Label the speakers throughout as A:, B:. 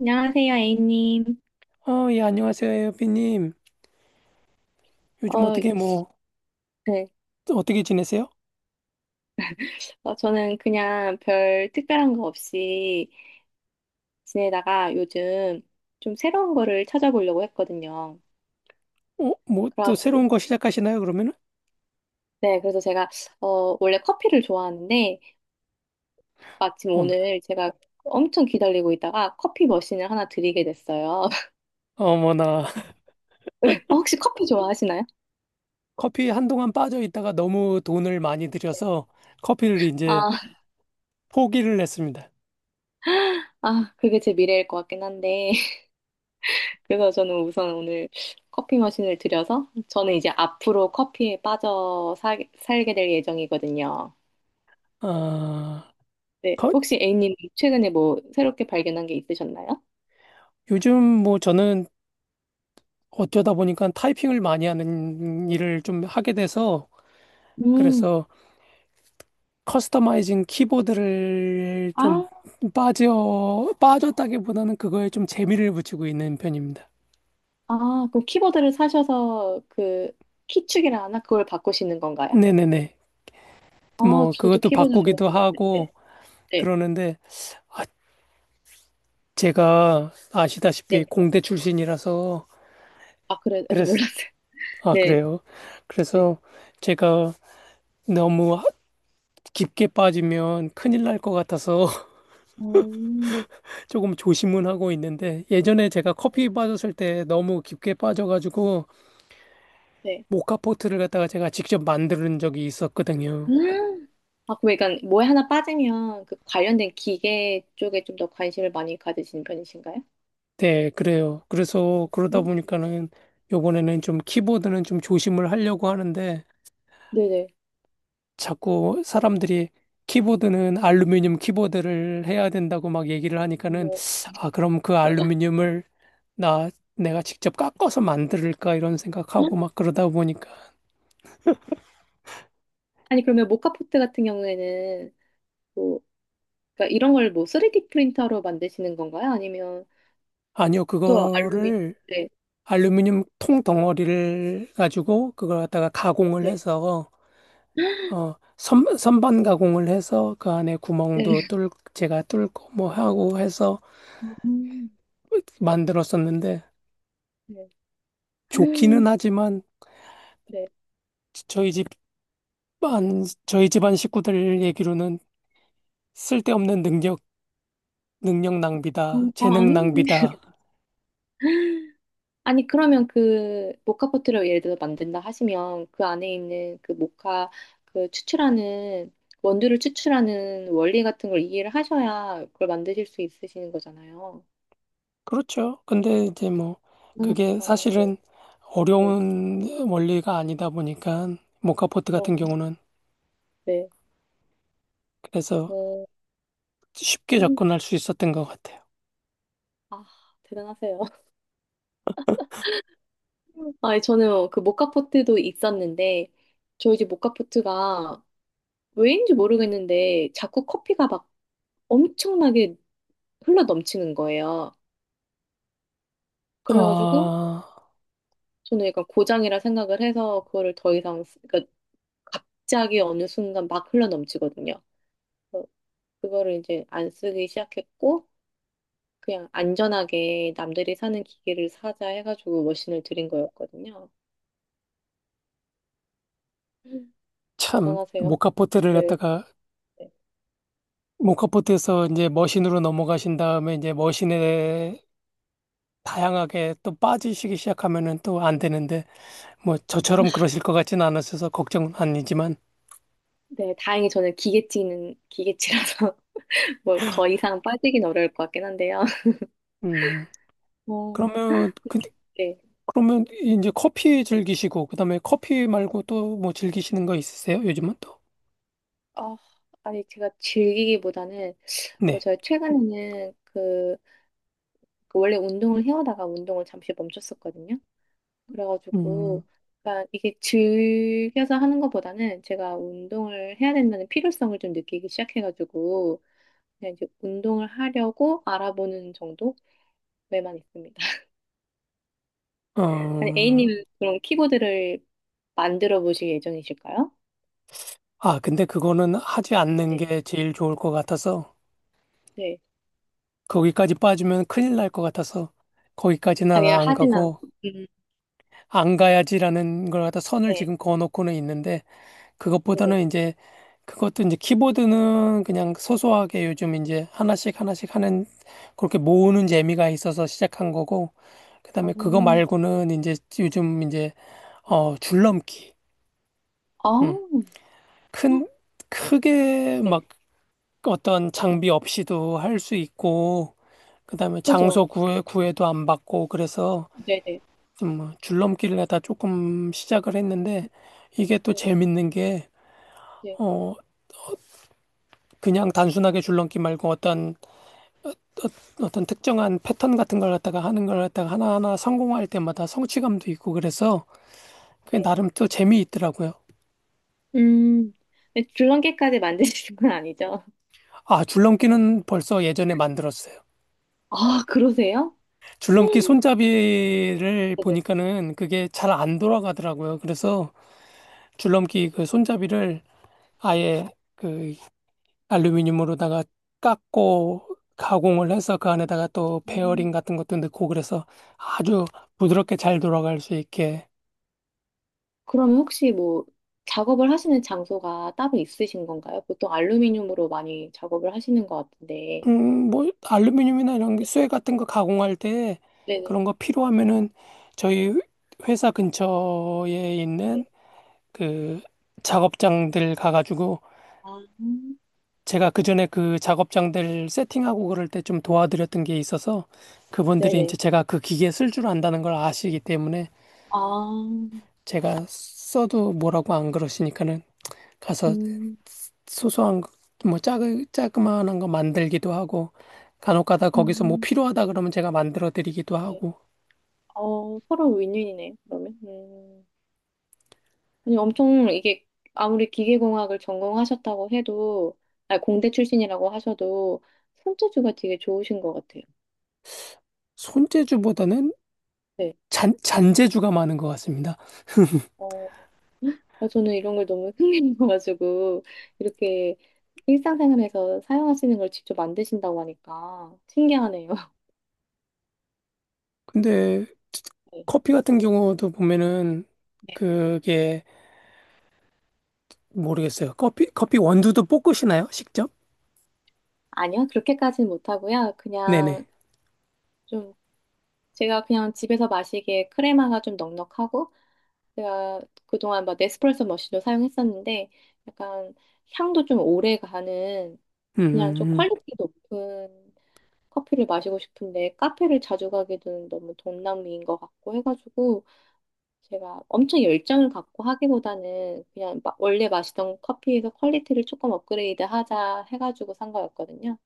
A: 안녕하세요, A님.
B: 아, 예, 안녕하세요, 에어비님. 요즘
A: 어, 네.
B: 어떻게 지내세요?
A: 저는 그냥 별 특별한 거 없이 지내다가 요즘 좀 새로운 거를 찾아보려고 했거든요.
B: 뭐, 또
A: 그래가지고,
B: 새로운 거 시작하시나요, 그러면은?
A: 네. 그래서 제가, 원래 커피를 좋아하는데, 마침
B: 어머나.
A: 오늘 제가 엄청 기다리고 있다가 커피 머신을 하나 드리게 됐어요.
B: 어머나.
A: 혹시 커피 좋아하시나요?
B: 커피 한동안 빠져 있다가 너무 돈을 많이 들여서 커피를 이제
A: 아,
B: 포기를 했습니다.
A: 아, 그게 제 미래일 것 같긴 한데. 그래서 저는 우선 오늘 커피 머신을 들여서 저는 이제 앞으로 커피에 빠져 살게 될 예정이거든요.
B: 아,
A: 네.
B: 거-
A: 혹시 A님 최근에 뭐 새롭게 발견한 게 있으셨나요?
B: 요즘 뭐 저는 어쩌다 보니까 타이핑을 많이 하는 일을 좀 하게 돼서,
A: 음.
B: 그래서 커스터마이징 키보드를
A: 아,
B: 좀 빠졌다기보다는 그거에 좀 재미를 붙이고 있는 편입니다.
A: 아, 그럼 키보드를 사셔서 그 키축이라 하나? 그걸 바꾸시는 건가요?
B: 네네네.
A: 아,
B: 뭐,
A: 저도
B: 그것도
A: 키보드
B: 바꾸기도
A: 좋아하는데.
B: 하고
A: 네. 네.
B: 그러는데, 아, 제가 아시다시피
A: 네.
B: 공대 출신이라서,
A: 아, 그래. 아, 저
B: 그래서,
A: 몰랐어요.
B: 아,
A: 네.
B: 그래요.
A: 네.
B: 그래서 제가 너무 깊게 빠지면 큰일 날 것 같아서
A: 음.
B: 조금 조심은 하고 있는데, 예전에 제가 커피 빠졌을 때 너무 깊게 빠져가지고,
A: 네.
B: 모카포트를 갖다가 제가 직접 만드는 적이 있었거든요.
A: 음. 아, 그럼 약간 뭐에 하나 빠지면 그 관련된 기계 쪽에 좀 더 관심을 많이 가지시는 편이신가요?
B: 네, 그래요. 그래서 그러다
A: 음.
B: 보니까는 요번에는 좀 키보드는 좀 조심을 하려고 하는데,
A: 네네.
B: 자꾸 사람들이 키보드는 알루미늄 키보드를 해야 된다고 막 얘기를 하니까는
A: 뭐.
B: 아, 그럼 그 알루미늄을 나 내가 직접 깎아서 만들까 이런
A: 헉?
B: 생각하고 막 그러다 보니까
A: 아니, 그러면 모카포트 같은 경우에는 뭐, 그러니까 이런 걸 뭐 3D 프린터로 만드시는 건가요? 아니면
B: 아니요,
A: 또 알루미늄?
B: 그거를
A: 네,
B: 알루미늄 통 덩어리를 가지고 그걸 갖다가 가공을
A: 네,
B: 해서 선반 가공을 해서 그 안에
A: 네.
B: 구멍도 뚫 제가 뚫고 뭐 하고 해서
A: 음.
B: 만들었었는데,
A: 네.
B: 좋기는
A: 음.
B: 하지만
A: 네.
B: 저희 집 만 저희 집안 식구들 얘기로는 쓸데없는 능력 낭비다,
A: 아,
B: 재능
A: 아닌데.
B: 낭비다.
A: 아니, 그러면 그 모카 포트를 예를 들어 만든다 하시면 그 안에 있는 그 모카 그 추출하는 원두를 추출하는 원리 같은 걸 이해를 하셔야 그걸 만드실 수 있으시는 거잖아요.
B: 그렇죠. 근데 이제 뭐,
A: 음.
B: 그게
A: 대단하시다. 네,
B: 사실은
A: 네,
B: 어려운 원리가 아니다 보니까, 모카포트
A: 그런
B: 같은
A: 것 같아요.
B: 경우는
A: 네.
B: 그래서
A: 어,
B: 쉽게
A: 음,
B: 접근할 수 있었던 것 같아요.
A: 아, 대단하세요. 아, 저는 그 모카 포트도 있었는데 저희 집 모카 포트가 왜인지 모르겠는데 자꾸 커피가 막 엄청나게 흘러 넘치는 거예요. 그래가지고
B: 아,
A: 저는 약간 고장이라 생각을 해서 그거를 더 이상 그러니까 갑자기 어느 순간 막 흘러 넘치거든요. 그래서 그거를 이제 안 쓰기 시작했고 그냥 안전하게 남들이 사는 기계를 사자 해가지고 머신을 들인 거였거든요. 음.
B: 참,
A: 대단하세요. 네. 네,
B: 모카포트에서 이제 머신으로 넘어가신 다음에 이제 머신에 다양하게 또 빠지시기 시작하면은 또 안 되는데, 뭐 저처럼 그러실 것 같진 않으셔서 걱정은 아니지만,
A: 네, 다행히 저는 기계치는 기계치라서 뭐 더 이상 빠지긴 어려울 것 같긴 한데요.
B: 음,
A: 어,
B: 그러면, 그,
A: 네.
B: 그러면 이제 커피 즐기시고, 그 다음에 커피 말고 또 뭐 즐기시는 거 있으세요? 요즘은 또?
A: 아, 아니 제가 즐기기보다는
B: 네.
A: 제가 최근에는 그 원래 운동을 해오다가 운동을 잠시 멈췄었거든요.
B: 음,
A: 그래가지고 약간 이게 즐겨서 하는 것보다는 제가 운동을 해야 된다는 필요성을 좀 느끼기 시작해가지고 그냥 이제 운동을 하려고 알아보는 정도에만 있습니다. 아니,
B: 어,
A: A님은 그럼 키보드를 만들어 보실 예정이실까요?
B: 아, 근데 그거는 하지 않는
A: 네.
B: 게 제일 좋을 것 같아서,
A: 네.
B: 거기까지 빠지면 큰일 날 것 같아서, 거기까지는
A: 아니,
B: 안
A: 하진
B: 가고,
A: 않고. 음.
B: 안 가야지라는 걸 갖다 선을
A: 네.
B: 지금 그어놓고는 있는데,
A: 네네.
B: 그것보다는 이제 그것도 이제 키보드는 그냥 소소하게 요즘 이제 하나씩 하나씩 하는 그렇게 모으는 재미가 있어서 시작한 거고, 그다음에
A: 어,
B: 그거 말고는 이제 요즘 이제 줄넘기.
A: 아,
B: 음. 큰 크게
A: 네.
B: 막 어떤 장비 없이도 할 수 있고, 그다음에 장소
A: 그죠.
B: 구해 구애도 안 받고, 그래서
A: 네네.
B: 좀 뭐 줄넘기를 하다 조금 시작을 했는데 이게 또
A: 네.
B: 재밌는 게
A: 네.
B: 어 그냥 단순하게 줄넘기 말고 어떤 떤 특정한 패턴 같은 걸 갖다가 하는 걸 갖다가 하나하나 성공할 때마다 성취감도 있고, 그래서 그게
A: 네.
B: 나름 또 재미있더라고요.
A: 음, 근데 줄넘기까지 만드시는 건 아니죠?
B: 아, 줄넘기는 벌써 예전에 만들었어요.
A: 아, 그러세요?
B: 줄넘기
A: 음,
B: 손잡이를
A: 네네.
B: 보니까는 그게 잘 안 돌아가더라고요. 그래서 줄넘기 그 손잡이를 아예 그 알루미늄으로다가 깎고 가공을 해서 그 안에다가 또
A: 음,
B: 베어링 같은 것도 넣고, 그래서 아주 부드럽게 잘 돌아갈 수 있게.
A: 그럼 혹시 뭐 작업을 하시는 장소가 따로 있으신 건가요? 보통 알루미늄으로 많이 작업을 하시는 것 같은데.
B: 뭐, 알루미늄이나 이런 게 쇠 같은 거 가공할 때,
A: 네네.
B: 그런 거 필요하면은 저희 회사 근처에 있는
A: 네.
B: 그 작업장들 가가지고,
A: 아, 음,
B: 제가 그전에 그 작업장들 세팅하고 그럴 때 좀 도와드렸던 게 있어서 그분들이
A: 네네.
B: 이제 제가 그 기계 쓸 줄 안다는 걸 아시기 때문에
A: 아,
B: 제가 써도 뭐라고 안 그러시니까는 가서
A: 음,
B: 소소한 거, 뭐 작은 자그마한 거 만들기도 하고, 간혹가다 거기서 뭐
A: 음,
B: 필요하다 그러면 제가 만들어 드리기도
A: 네.
B: 하고.
A: 어, 서로 윈윈이네요, 그러면. 음. 아니, 엄청 이게 아무리 기계공학을 전공하셨다고 해도, 아니, 공대 출신이라고 하셔도 손재주가 되게 좋으신 것 같아요.
B: 손재주보다는
A: 네.
B: 잔 잔재주가 많은 것 같습니다.
A: 어, 아, 저는 이런 걸 너무 흥미로워가지고 이렇게 일상생활에서 사용하시는 걸 직접 만드신다고 하니까 신기하네요.
B: 근데
A: 네.
B: 커피 같은 경우도 보면은
A: 네.
B: 그게 모르겠어요. 커피 원두도 볶으시나요? 직접?
A: 아니요, 그렇게까지는 못하고요.
B: 네네.
A: 그냥 좀 제가 그냥 집에서 마시기에 크레마가 좀 넉넉하고 제가 그동안 막 네스프레소 머신도 사용했었는데 약간 향도 좀 오래 가는
B: 음.
A: 그냥 좀 퀄리티 높은 커피를 마시고 싶은데 카페를 자주 가기는 너무 돈낭비인 것 같고 해가지고 제가 엄청 열정을 갖고 하기보다는 그냥 원래 마시던 커피에서 퀄리티를 조금 업그레이드 하자 해가지고 산 거였거든요.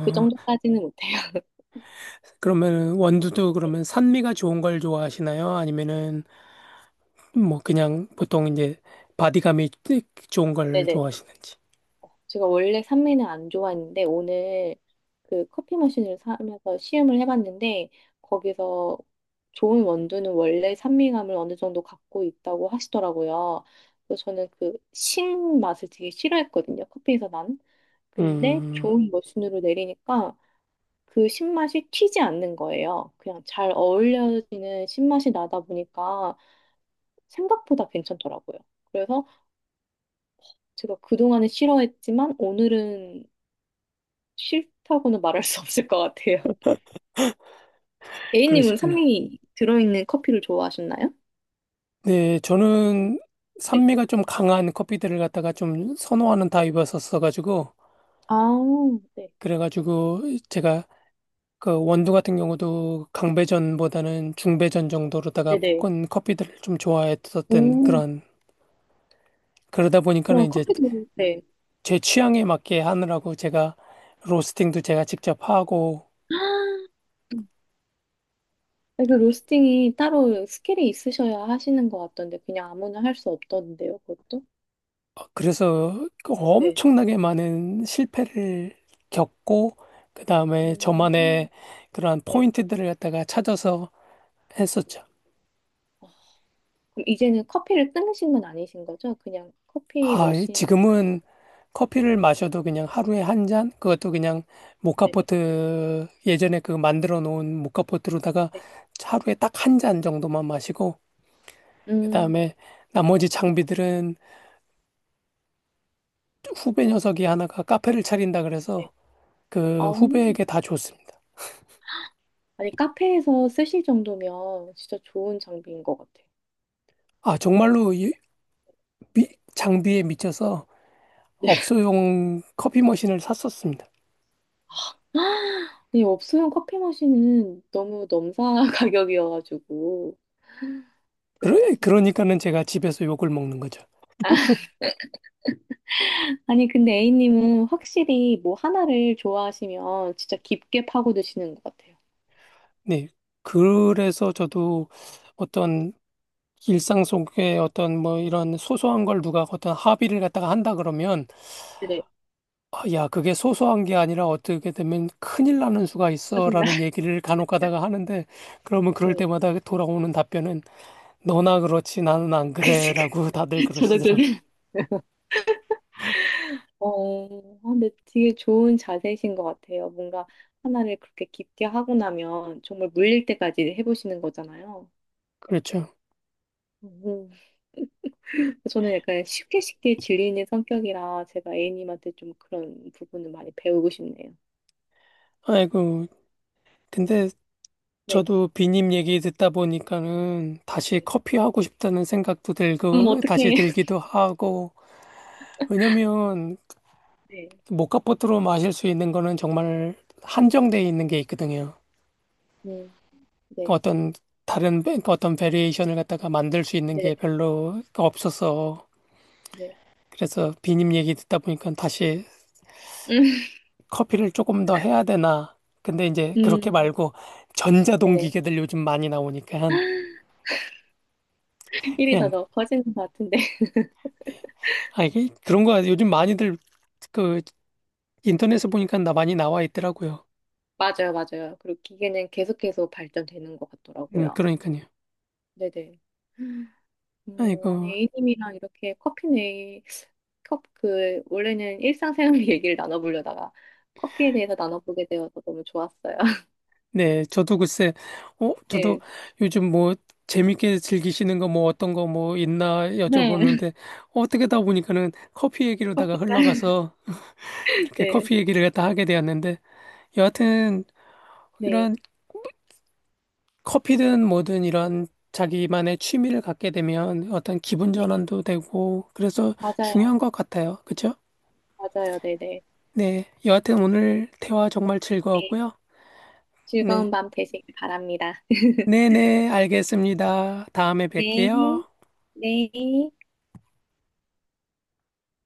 A: 그 정도까지는 못해요.
B: 그러면 원두도 그러면 산미가 좋은 걸 좋아하시나요? 아니면은 뭐 그냥 보통 이제 바디감이 좋은 걸
A: 네네.
B: 좋아하시는지.
A: 제가 원래 산미는 안 좋아했는데 오늘 그 커피 머신을 사면서 시음을 해봤는데 거기서 좋은 원두는 원래 산미감을 어느 정도 갖고 있다고 하시더라고요. 그래서 저는 그 신 맛을 되게 싫어했거든요. 커피에서 난. 근데
B: 음,
A: 좋은 머신으로 내리니까 그 신맛이 튀지 않는 거예요. 그냥 잘 어울려지는 신맛이 나다 보니까 생각보다 괜찮더라고요. 그래서 제가 그동안은 싫어했지만 오늘은 싫다고는 말할 수 없을 것 같아요. A님은
B: 그러시구나.
A: 산미 들어있는 커피를 좋아하셨나요?
B: 네, 저는
A: 네.
B: 산미가 좀 강한 커피들을 갖다가 좀 선호하는 타입이었었어가지고,
A: 아, 네.
B: 그래가지고 제가 그 원두 같은 경우도 강배전보다는 중배전 정도로다가
A: 네네.
B: 볶은 커피들을 좀 좋아했었던
A: 오,
B: 그런, 그러다 보니까는
A: 그럼
B: 이제
A: 커피도, 네.
B: 제 취향에 맞게 하느라고 제가 로스팅도 제가 직접 하고,
A: 아, 그 로스팅이 따로 스킬이 있으셔야 하시는 것 같던데, 그냥 아무나 할 수 없던데요, 그것도?
B: 그래서 그
A: 네.
B: 엄청나게 많은 실패를 겪고, 그 다음에
A: 음,
B: 저만의 그러한
A: 네.
B: 포인트들을 갖다가 찾아서 했었죠.
A: 아, 그럼 이제는 커피를 끊으신 건 아니신 거죠? 그냥 커피
B: 아,
A: 머신.
B: 지금은 커피를 마셔도 그냥 하루에 한 잔? 그것도 그냥
A: 네네.
B: 모카포트, 예전에 그 만들어 놓은 모카포트로다가
A: 네.
B: 하루에 딱 한 잔 정도만 마시고, 그
A: 음,
B: 다음에 나머지 장비들은 후배 녀석이 하나가 카페를 차린다
A: 네.
B: 그래서
A: 아,
B: 그 후배에게 다 줬습니다.
A: 아니, 카페에서 쓰실 정도면 진짜 좋은 장비인 것 같아.
B: 아, 정말로 미- 장비에 미쳐서
A: 요
B: 업소용 커피 머신을 샀었습니다.
A: 아니, 없으면 커피 머신은 너무 넘사 가격이어가지고 대단하시네.
B: 그러니까는 제가 집에서 욕을 먹는 거죠.
A: 아니, 근데 A님은 확실히 뭐 하나를 좋아하시면 진짜 깊게 파고드시는 것 같아요.
B: 네. 그래서 저도 어떤 일상 속에 어떤 뭐 이런 소소한 걸 누가 어떤 합의를 갖다가 한다 그러면,
A: 네,
B: 아, 야, 그게 소소한 게 아니라 어떻게 되면 큰일 나는 수가
A: 짜증나.
B: 있어라는 얘기를 간혹 가다가 하는데, 그러면 그럴
A: 네.
B: 때마다 돌아오는 답변은 너나 그렇지 나는 안
A: 그,
B: 그래라고 다들
A: 저도
B: 그러시더라고요.
A: 생각- 어, 아, 근데 되게 좋은 자세이신 것 같아요. 뭔가 하나를 그렇게 깊게 하고 나면 정말 물릴 때까지 해보시는 거잖아요.
B: 그렇죠.
A: 음. 저는 약간 쉽게 쉽게 질리는 성격이라 제가 A님한테 좀 그런 부분을 많이 배우고 싶네요.
B: 아이고, 근데
A: 네.
B: 저도 비님 얘기 듣다 보니까는 다시
A: 네.
B: 커피 하고 싶다는 생각도
A: 그럼
B: 들고, 다시
A: 어떻게?
B: 들기도 하고, 왜냐면
A: 네.
B: 모카포트로 마실 수 있는 거는 정말 한정돼 있는 게 있거든요.
A: 음,
B: 그
A: 네.
B: 어떤 다른 그 어떤 베리에이션을 갖다가 만들 수 있는 게
A: 네.
B: 별로 없어서,
A: 네.
B: 그래서 비님 얘기 듣다 보니까 다시
A: 음,
B: 커피를 조금 더 해야 되나. 근데 이제 그렇게
A: 음,
B: 말고 전자동
A: 네네.
B: 기계들 요즘 많이 나오니까
A: 일이
B: 그냥
A: 더 커지는 것 같은데.
B: 아 이게 그런 거 요즘 많이들 그 인터넷에 보니까 나 많이 나와 있더라고요.
A: 맞아요, 맞아요. 그리고 기계는 계속해서 발전되는 것 같더라고요.
B: 그러니까요.
A: 네네.
B: 아이고,
A: 어, 아니, A님이랑 이렇게 커피네, 컵, 그, 원래는 일상생활 얘기를 나눠보려다가 커피에 대해서 나눠보게 되어서 너무 좋았어요.
B: 네, 저도 글쎄, 저도
A: 네.
B: 요즘 뭐 재밌게 즐기시는 거 뭐 어떤 거 뭐 있나
A: 네.
B: 여쭤보는데 어떻게 다 보니까는 커피 얘기로다가
A: 커피가.
B: 흘러가서 이렇게
A: 네,
B: 커피 얘기를 갖다 하게 되었는데, 여하튼
A: 네,
B: 이런 커피든 뭐든 이런 자기만의 취미를 갖게 되면 어떤 기분
A: 네.
B: 전환도 되고, 그래서
A: 맞아요.
B: 중요한 것 같아요. 그죠?
A: 맞아요. 네네.
B: 네, 여하튼 오늘 대화 정말
A: 네.
B: 즐거웠고요. 네.
A: 즐거운 밤 되시길 바랍니다.
B: 네네, 알겠습니다. 다음에
A: 네,
B: 뵐게요.
A: 네.